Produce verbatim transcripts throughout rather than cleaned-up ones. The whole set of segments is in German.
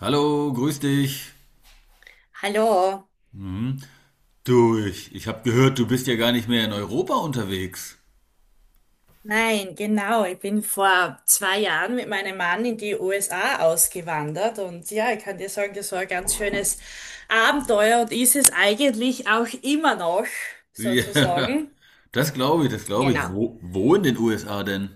Hallo, grüß dich. Hallo, Hm? Du, ich, ich habe gehört, du bist ja gar nicht mehr in Europa unterwegs. nein, genau. Ich bin vor zwei Jahren mit meinem Mann in die U S A ausgewandert und ja, ich kann dir sagen, das war ein ganz schönes Abenteuer und ist es eigentlich auch immer noch, Ja, sozusagen. das Hm. glaube ich, das glaube ich. Genau. Wo, wo in den U S A denn?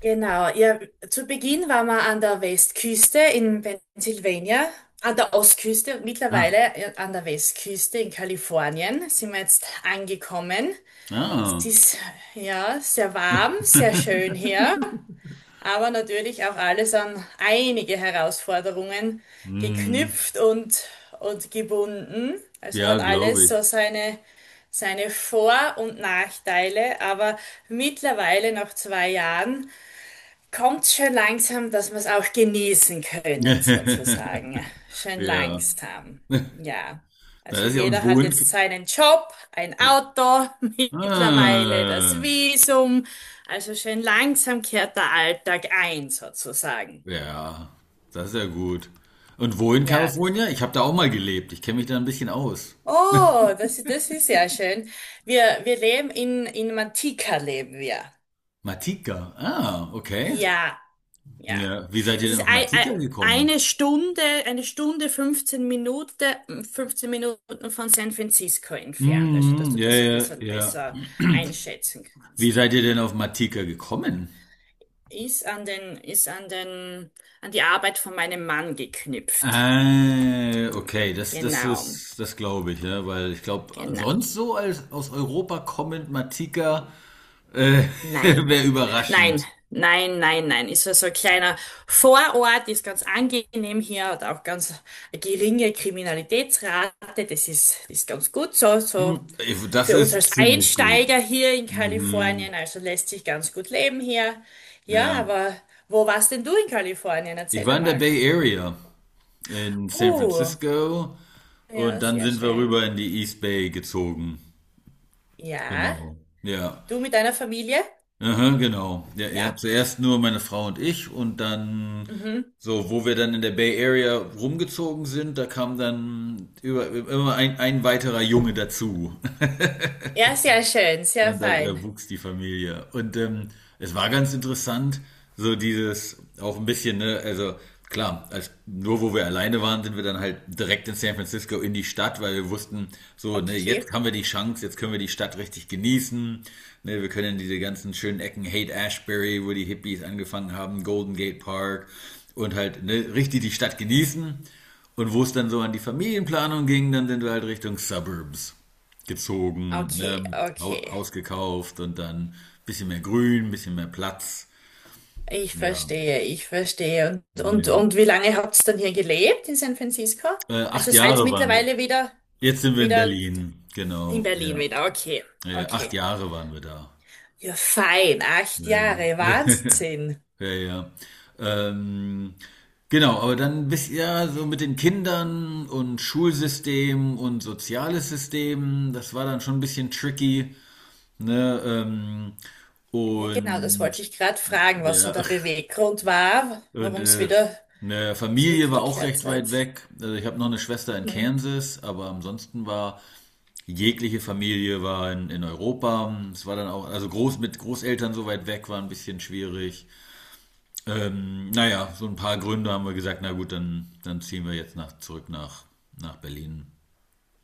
Genau. Ja, zu Beginn waren wir an der Westküste in Pennsylvania, an der Ostküste und mittlerweile Ah, äh, an der Westküste in Kalifornien sind wir jetzt angekommen. Es ah. ist ja sehr warm, sehr schön hier, aber natürlich auch alles an einige Herausforderungen Hm, geknüpft und, und gebunden. Also ja, hat glaube alles ich. so seine, seine Vor- und Nachteile, aber mittlerweile nach zwei Jahren Kommt schön langsam, dass wir es auch genießen können, sozusagen. Schön Ja, langsam. Ja. Also das ist ja und jeder wo hat in. jetzt seinen Job, ein Auto, mittlerweile das Ah, Visum. Also schön langsam kehrt der Alltag ein, sozusagen. ja, das ist ja gut. Und wo in Ja. Das, Kalifornien? Ich habe da auch mal gelebt. Ich kenne mich da ein bisschen aus. oh, das, das ist ja schön. Wir, wir leben in, in Mantika leben wir. Matika. Ah, okay. Ja, ja. Ja, wie seid ihr Es denn ist auf ei- ei- Matika eine gekommen? Stunde, eine Stunde, fünfzehn Minuten, fünfzehn Minuten von San Francisco entfernt, also dass Mhm, du ja, das ein ja, bisschen ja. besser einschätzen Wie kannst. seid ihr denn auf Matika gekommen? Ist an den, ist an den, An die Arbeit von meinem Mann geknüpft. Ah, okay, das, das Genau, ist, das glaube ich, ja, weil ich glaube, genau. sonst so als aus Europa kommend Matika äh, Nein. wäre Nein, überraschend. nein, nein, nein. Ist so so ein kleiner Vorort, ist ganz angenehm hier, hat auch ganz eine geringe Kriminalitätsrate. Das ist, das ist ganz gut so, so. Hm, ich- Das Für uns ist als ziemlich gut. Einsteiger hier in Mhm, Kalifornien, also lässt sich ganz gut leben hier. Ja, ja. aber wo warst denn du in Kalifornien? Ich Erzähl war in der einmal. Bay Area in San Oh, Francisco und ja, dann sehr sind wir schön. rüber in die East Bay gezogen. Ja, Genau. Ja. du mit deiner Familie? Aha, genau. Ja, ja. Ja. Zuerst nur meine Frau und ich und dann Mhm. so, wo wir dann in der Bay Area rumgezogen sind, da kam dann über, immer ein, ein weiterer Junge dazu. Ja, sehr schön, sehr Ne, Da, fein. da wuchs die Familie. Und ähm, es war ganz interessant, so dieses, auch ein bisschen, ne, also klar, als, nur wo wir alleine waren, sind wir dann halt direkt in San Francisco in die Stadt, weil wir wussten, so, ne, jetzt Okay, haben wir die Chance, jetzt können wir die Stadt richtig genießen. Ne, wir können diese ganzen schönen Ecken, Haight Ashbury, wo die Hippies angefangen haben, Golden Gate Park und halt ne, richtig die Stadt genießen. Und wo es dann so an die Familienplanung ging, dann sind wir halt Richtung Suburbs gezogen, okay, ne? Hau- okay. Haus gekauft und dann ein bisschen mehr Grün, ein bisschen mehr Platz. Ich Ja, verstehe, ich verstehe. Und, und, ja. und wie lange habt ihr dann hier gelebt in San Francisco? Äh, Also acht seid Jahre waren wir. mittlerweile wieder, Jetzt sind wir in wieder Berlin, in genau. Berlin Ja, wieder. Okay, äh, acht okay. Jahre waren wir da. Ja, fein, acht Ja, ja. Jahre, Wahnsinn. Ja, ja. Ähm, genau, aber dann bist ja so mit den Kindern und Schulsystem und soziales System, das war dann schon ein bisschen tricky, ne? Ähm, Ja, genau, das und wollte ich gerade fragen, was so ja, der Beweggrund war, Und warum es äh, wieder ne, Familie war auch zurückgekehrt recht weit seid. weg. Also ich habe noch eine Schwester in Mhm. Kansas, aber ansonsten war jegliche Familie war in, in Europa. Es war dann auch, also groß mit Großeltern so weit weg war ein bisschen schwierig. Ähm, naja, so ein paar Gründe haben wir gesagt, na gut, dann, dann ziehen wir jetzt nach, zurück nach, nach Berlin.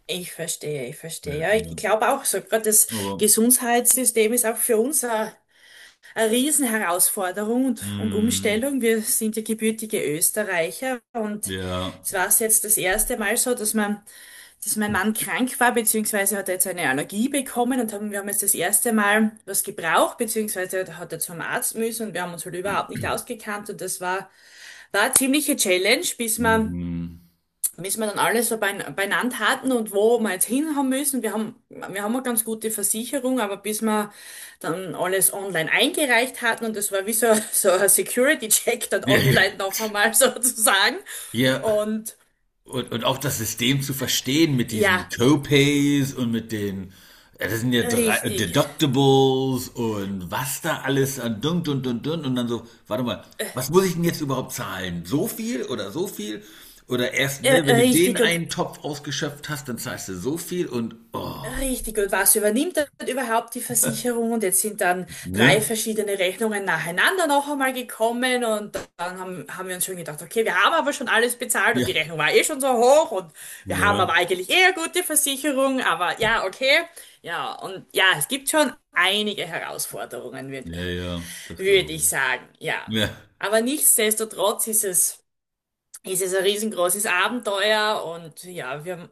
Ich verstehe, ich Ja, verstehe. Ja, ich ja. glaube auch so, gerade das Aber, Gesundheitssystem ist auch für uns eine, eine Riesenherausforderung und, und mh, Umstellung. Wir sind ja gebürtige Österreicher und ja, es war jetzt das erste Mal so, dass man dass mein Mann krank war, beziehungsweise hat er jetzt eine Allergie bekommen und haben, wir haben jetzt das erste Mal was gebraucht, beziehungsweise hat er zum Arzt müssen und wir haben uns halt überhaupt nicht ausgekannt und das war, war eine ziemliche Challenge, bis wir, mhm. bis wir dann alles so bein, beieinander hatten und wo wir jetzt hin haben müssen. Wir haben, wir haben eine ganz gute Versicherung, aber bis wir dann alles online eingereicht hatten und das war wie so, so ein Security-Check dann Ja, ja, online noch einmal sozusagen ja. und Und, und auch das System zu verstehen mit diesen ja, Copays und mit den, ja, das sind ja drei richtig. Deductibles und was da alles an dun dun dun dun und dann so, warte mal, was muss ich denn jetzt überhaupt zahlen? So viel oder so viel? Oder erst, ne, Äh, wenn du den Richtig, und einen Topf ausgeschöpft hast, dann zahlst du so viel und oh, Richtig, und was übernimmt dann überhaupt die Versicherung? Und jetzt sind dann drei ne? verschiedene Rechnungen nacheinander noch einmal gekommen und dann haben, haben wir uns schon gedacht, okay, wir haben aber schon alles bezahlt und Ja, die Rechnung war eh schon so hoch und wir haben ne? aber eigentlich eher gute Versicherung, aber ja, okay. Ja, und ja, es gibt schon einige Herausforderungen, würde Ja, ja, das würd glaube ich sagen, ja. ich. Ja. Aber nichtsdestotrotz ist es, ist es ein riesengroßes Abenteuer und ja, wir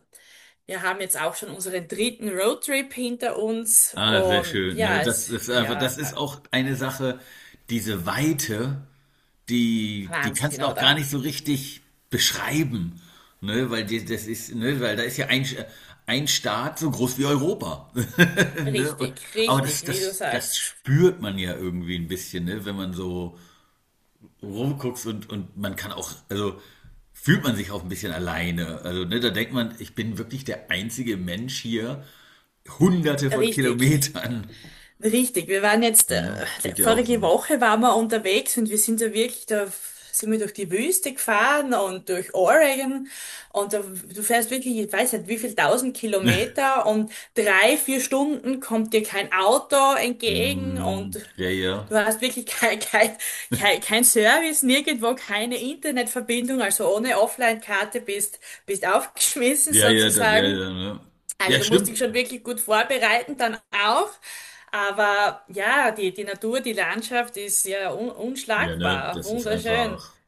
wir haben jetzt auch schon unseren dritten Roadtrip hinter uns Ah, sehr und schön. Ne? ja, Das es, ist einfach, ja, das ist auch eine Sache, diese Weite, die, die kannst Wahnsinn, du auch gar oder? nicht so richtig beschreiben. Ne? Weil die, das ist, ne? Weil da ist ja ein, ein Staat so groß wie Europa. ne? Und- Richtig, Aber richtig, das, wie du das, das sagst. spürt man ja irgendwie ein bisschen, ne? Wenn man so rumguckst und, und man kann auch, also fühlt man sich auch ein bisschen alleine. Also, ne, da denkt man, ich bin wirklich der einzige Mensch hier, hunderte von Richtig, Kilometern. Richtig, wir waren jetzt, äh, Ja, geht ja auch vorige so. Woche waren wir unterwegs und wir sind ja wirklich da, sind wir durch die Wüste gefahren und durch Oregon und da, du fährst wirklich, ich weiß nicht, wie viel tausend Kilometer und drei, vier Stunden kommt dir kein Auto entgegen Hm, und ja, ja. du hast wirklich kein, kein, kein, kein Service, nirgendwo keine Internetverbindung, also ohne Offline-Karte bist, bist aufgeschmissen Ja, ja, da, ja, sozusagen. ja, ne. Ja, Also du musst stimmt. dich schon wirklich gut vorbereiten dann auch. Aber ja, die, die Natur, die Landschaft ist ja un Ja, ne, unschlagbar, das ist wunderschön. einfach.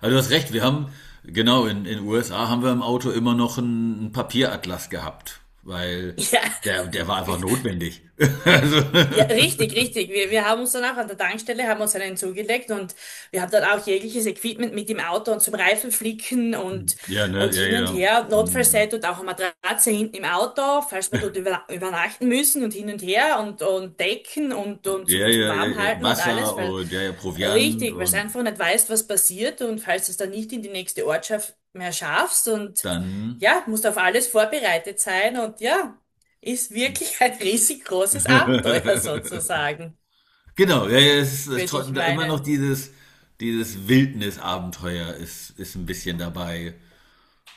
Also du hast recht, wir haben, genau, in in U S A haben wir im Auto immer noch einen einen Papieratlas gehabt, weil Ja, der, der war einfach notwendig. Also, ja, richtig, richtig. Wir, wir haben uns dann auch an der Tankstelle, haben uns einen zugelegt und wir haben dann auch jegliches Equipment mit im Auto und zum Reifenflicken und, ja, ne, und ja, hin und ja. her. Hm. Notfallset und auch eine Matratze hinten im Auto, falls wir dort über, übernachten müssen und hin und her und, und Decken und, und Ja, zum, zum ja, ja, ja. Warmhalten und Wasser alles, weil und ja, ja, Proviant Richtig, weil du und einfach nicht weißt, was passiert und falls du es dann nicht in die nächste Ortschaft mehr schaffst und dann. ja, musst auf alles vorbereitet sein und ja, ist wirklich ein riesig großes Abenteuer sozusagen, Genau, ja, ja, es ist würde tro- ich da immer noch meinen. dieses, dieses Wildnisabenteuer ist, ist ein bisschen dabei.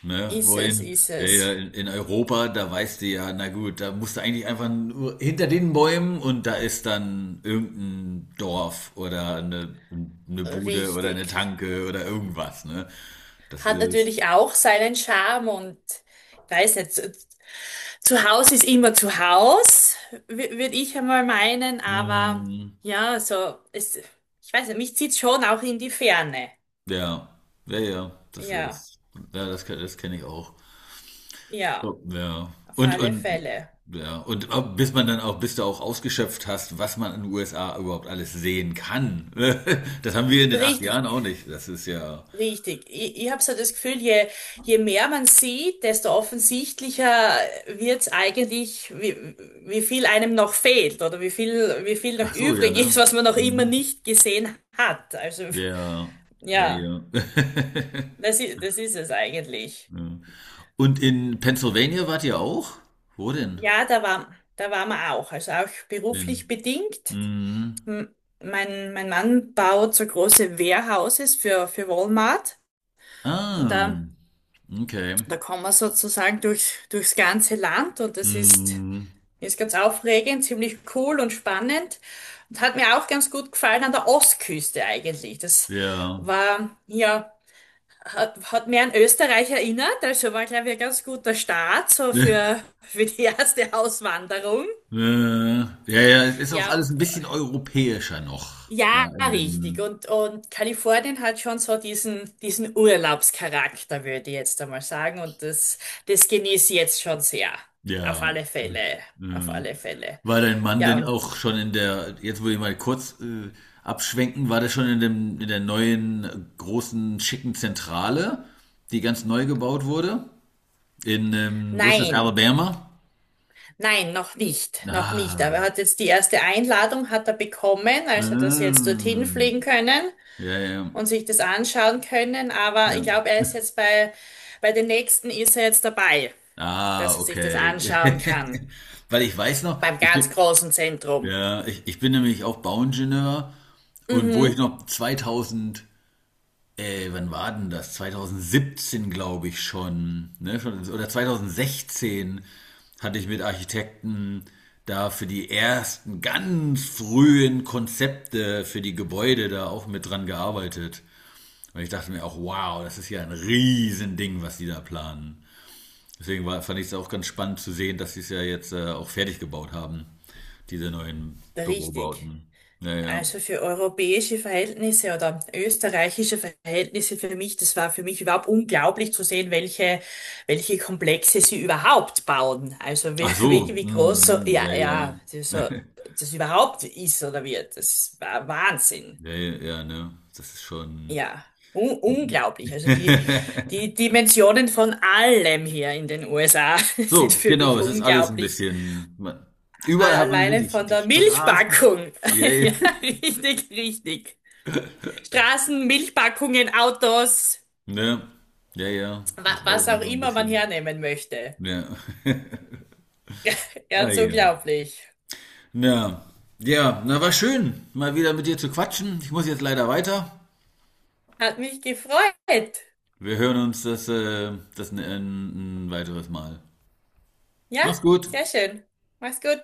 Ne? Ist es, Wohin? ist Ja, ja, es. in, in Europa, da weißt du ja, na gut, da musst du eigentlich einfach nur hinter den Bäumen und da ist dann irgendein Dorf oder eine, eine Bude oder eine Richtig. Tanke oder irgendwas, ne? Das Hat ist, natürlich auch seinen Charme und weiß nicht, zu, zu Hause ist immer zu Haus, würde ich einmal meinen, aber mm, ja, so, es, ich weiß nicht, mich zieht schon auch in die Ferne. ja, ja, ja, das Ja, ist, ja, das, ke- das kenne ich auch. ja, So. Ja. auf Und, alle und, Fälle. ja. Und ab- bis man dann auch, bis du auch ausgeschöpft hast, was man in den U S A überhaupt alles sehen kann. Das haben wir in den acht Jahren Richtig, auch nicht. Das ist ja. richtig. Ich, ich habe so das Gefühl, je, je mehr man sieht, desto offensichtlicher wird's eigentlich, wie, wie viel einem noch fehlt oder wie viel, wie viel noch Ach so, ja, übrig ist, ne? was man noch immer Mhm. nicht gesehen hat. Also Ja, ja, ja, ja. das ist, das ist es eigentlich. Ja. Und in Pennsylvania wart ihr auch? Wo denn? Ja, da war, da waren wir auch. Also auch beruflich In. bedingt. Mhm. M- Mein, mein Mann baut so große Warehouses für, für Walmart. Und Ah, da okay. Da kommen wir sozusagen durch, durchs ganze Land und das ist, Mhm. ist ganz aufregend, ziemlich cool und spannend und hat mir auch ganz gut gefallen an der Ostküste eigentlich. Das Ja. war, ja, hat, hat mir an Österreich erinnert, also war, glaube ich, ein ganz guter Start so für, für die erste Auswanderung. Äh, ja, ja, es ist auch Ja, und alles ein bisschen europäischer noch Ja, da in richtig. dem Und, und Kalifornien hat schon so diesen, diesen Urlaubscharakter, würde ich jetzt einmal sagen. Und das, das genieße ich jetzt schon sehr. Auf ja. alle Fälle. Auf Mhm. alle Fälle. War dein Mann Ja, denn Ja. und auch schon in der jetzt würde ich mal kurz, äh, abschwenken, war der schon in dem in der neuen, äh, großen, schicken Zentrale, die ganz neu gebaut wurde? In, ähm wo ist das, nein, Alabama? nein, noch nicht. Noch nicht. Aber Ah. er hat jetzt die erste Einladung hat er bekommen, also dass sie jetzt dorthin fliegen Mhm. können Ja, ja, und sich das anschauen können. Aber ich ja. glaube, er ist jetzt bei, bei den nächsten ist er jetzt dabei, Ah, dass er sich das okay. anschauen kann. Weil ich weiß noch, Beim ich ganz bin. großen Zentrum. Ja, ich, ich bin nämlich auch Bauingenieur und wo ich Mhm, noch zweitausend, äh, wann war denn das? Zweitausendsiebzehn glaube ich schon, ne, schon, oder zweitausendsechzehn hatte ich mit Architekten da für die ersten ganz frühen Konzepte für die Gebäude da auch mit dran gearbeitet. Und ich dachte mir auch, wow, das ist ja ein Riesending, was die da planen. Deswegen war, fand ich es auch ganz spannend zu sehen, dass sie es ja jetzt äh, auch fertig gebaut haben, diese neuen richtig. Bürobauten. Ja, ja. Also für europäische Verhältnisse oder österreichische Verhältnisse für mich, das war für mich überhaupt unglaublich zu sehen, welche, welche Komplexe sie überhaupt bauen. Also wie, Ach wie, so, wie groß so, mm, mm, ja, ja, ja. ja, das so, das überhaupt ist oder wird. Das war Wahnsinn. Ja, ja, ja, ne? Das ist schon. Ja, un unglaublich. Also die, die Dimensionen von allem hier in den U S A sind So, für genau, mich es ist alles ein unglaublich. bisschen. man- Überall hat man ne, Alleine die, von die der Straßen. Milchpackung. Ja, Ja, ja. richtig, richtig. Straßen, Milchpackungen, Autos, Ne? Ja, ja. wa Das ist alles was auch einfach ein immer man bisschen. hernehmen möchte. Ja. Ah, Ganz ja. unglaublich. Ja. Ja, na war schön, mal wieder mit dir zu quatschen. Ich muss jetzt leider weiter. Hat mich gefreut. Wir hören uns das, äh, das ein, ein weiteres Mal. Ja, Mach's gut. sehr schön. Mach's gut.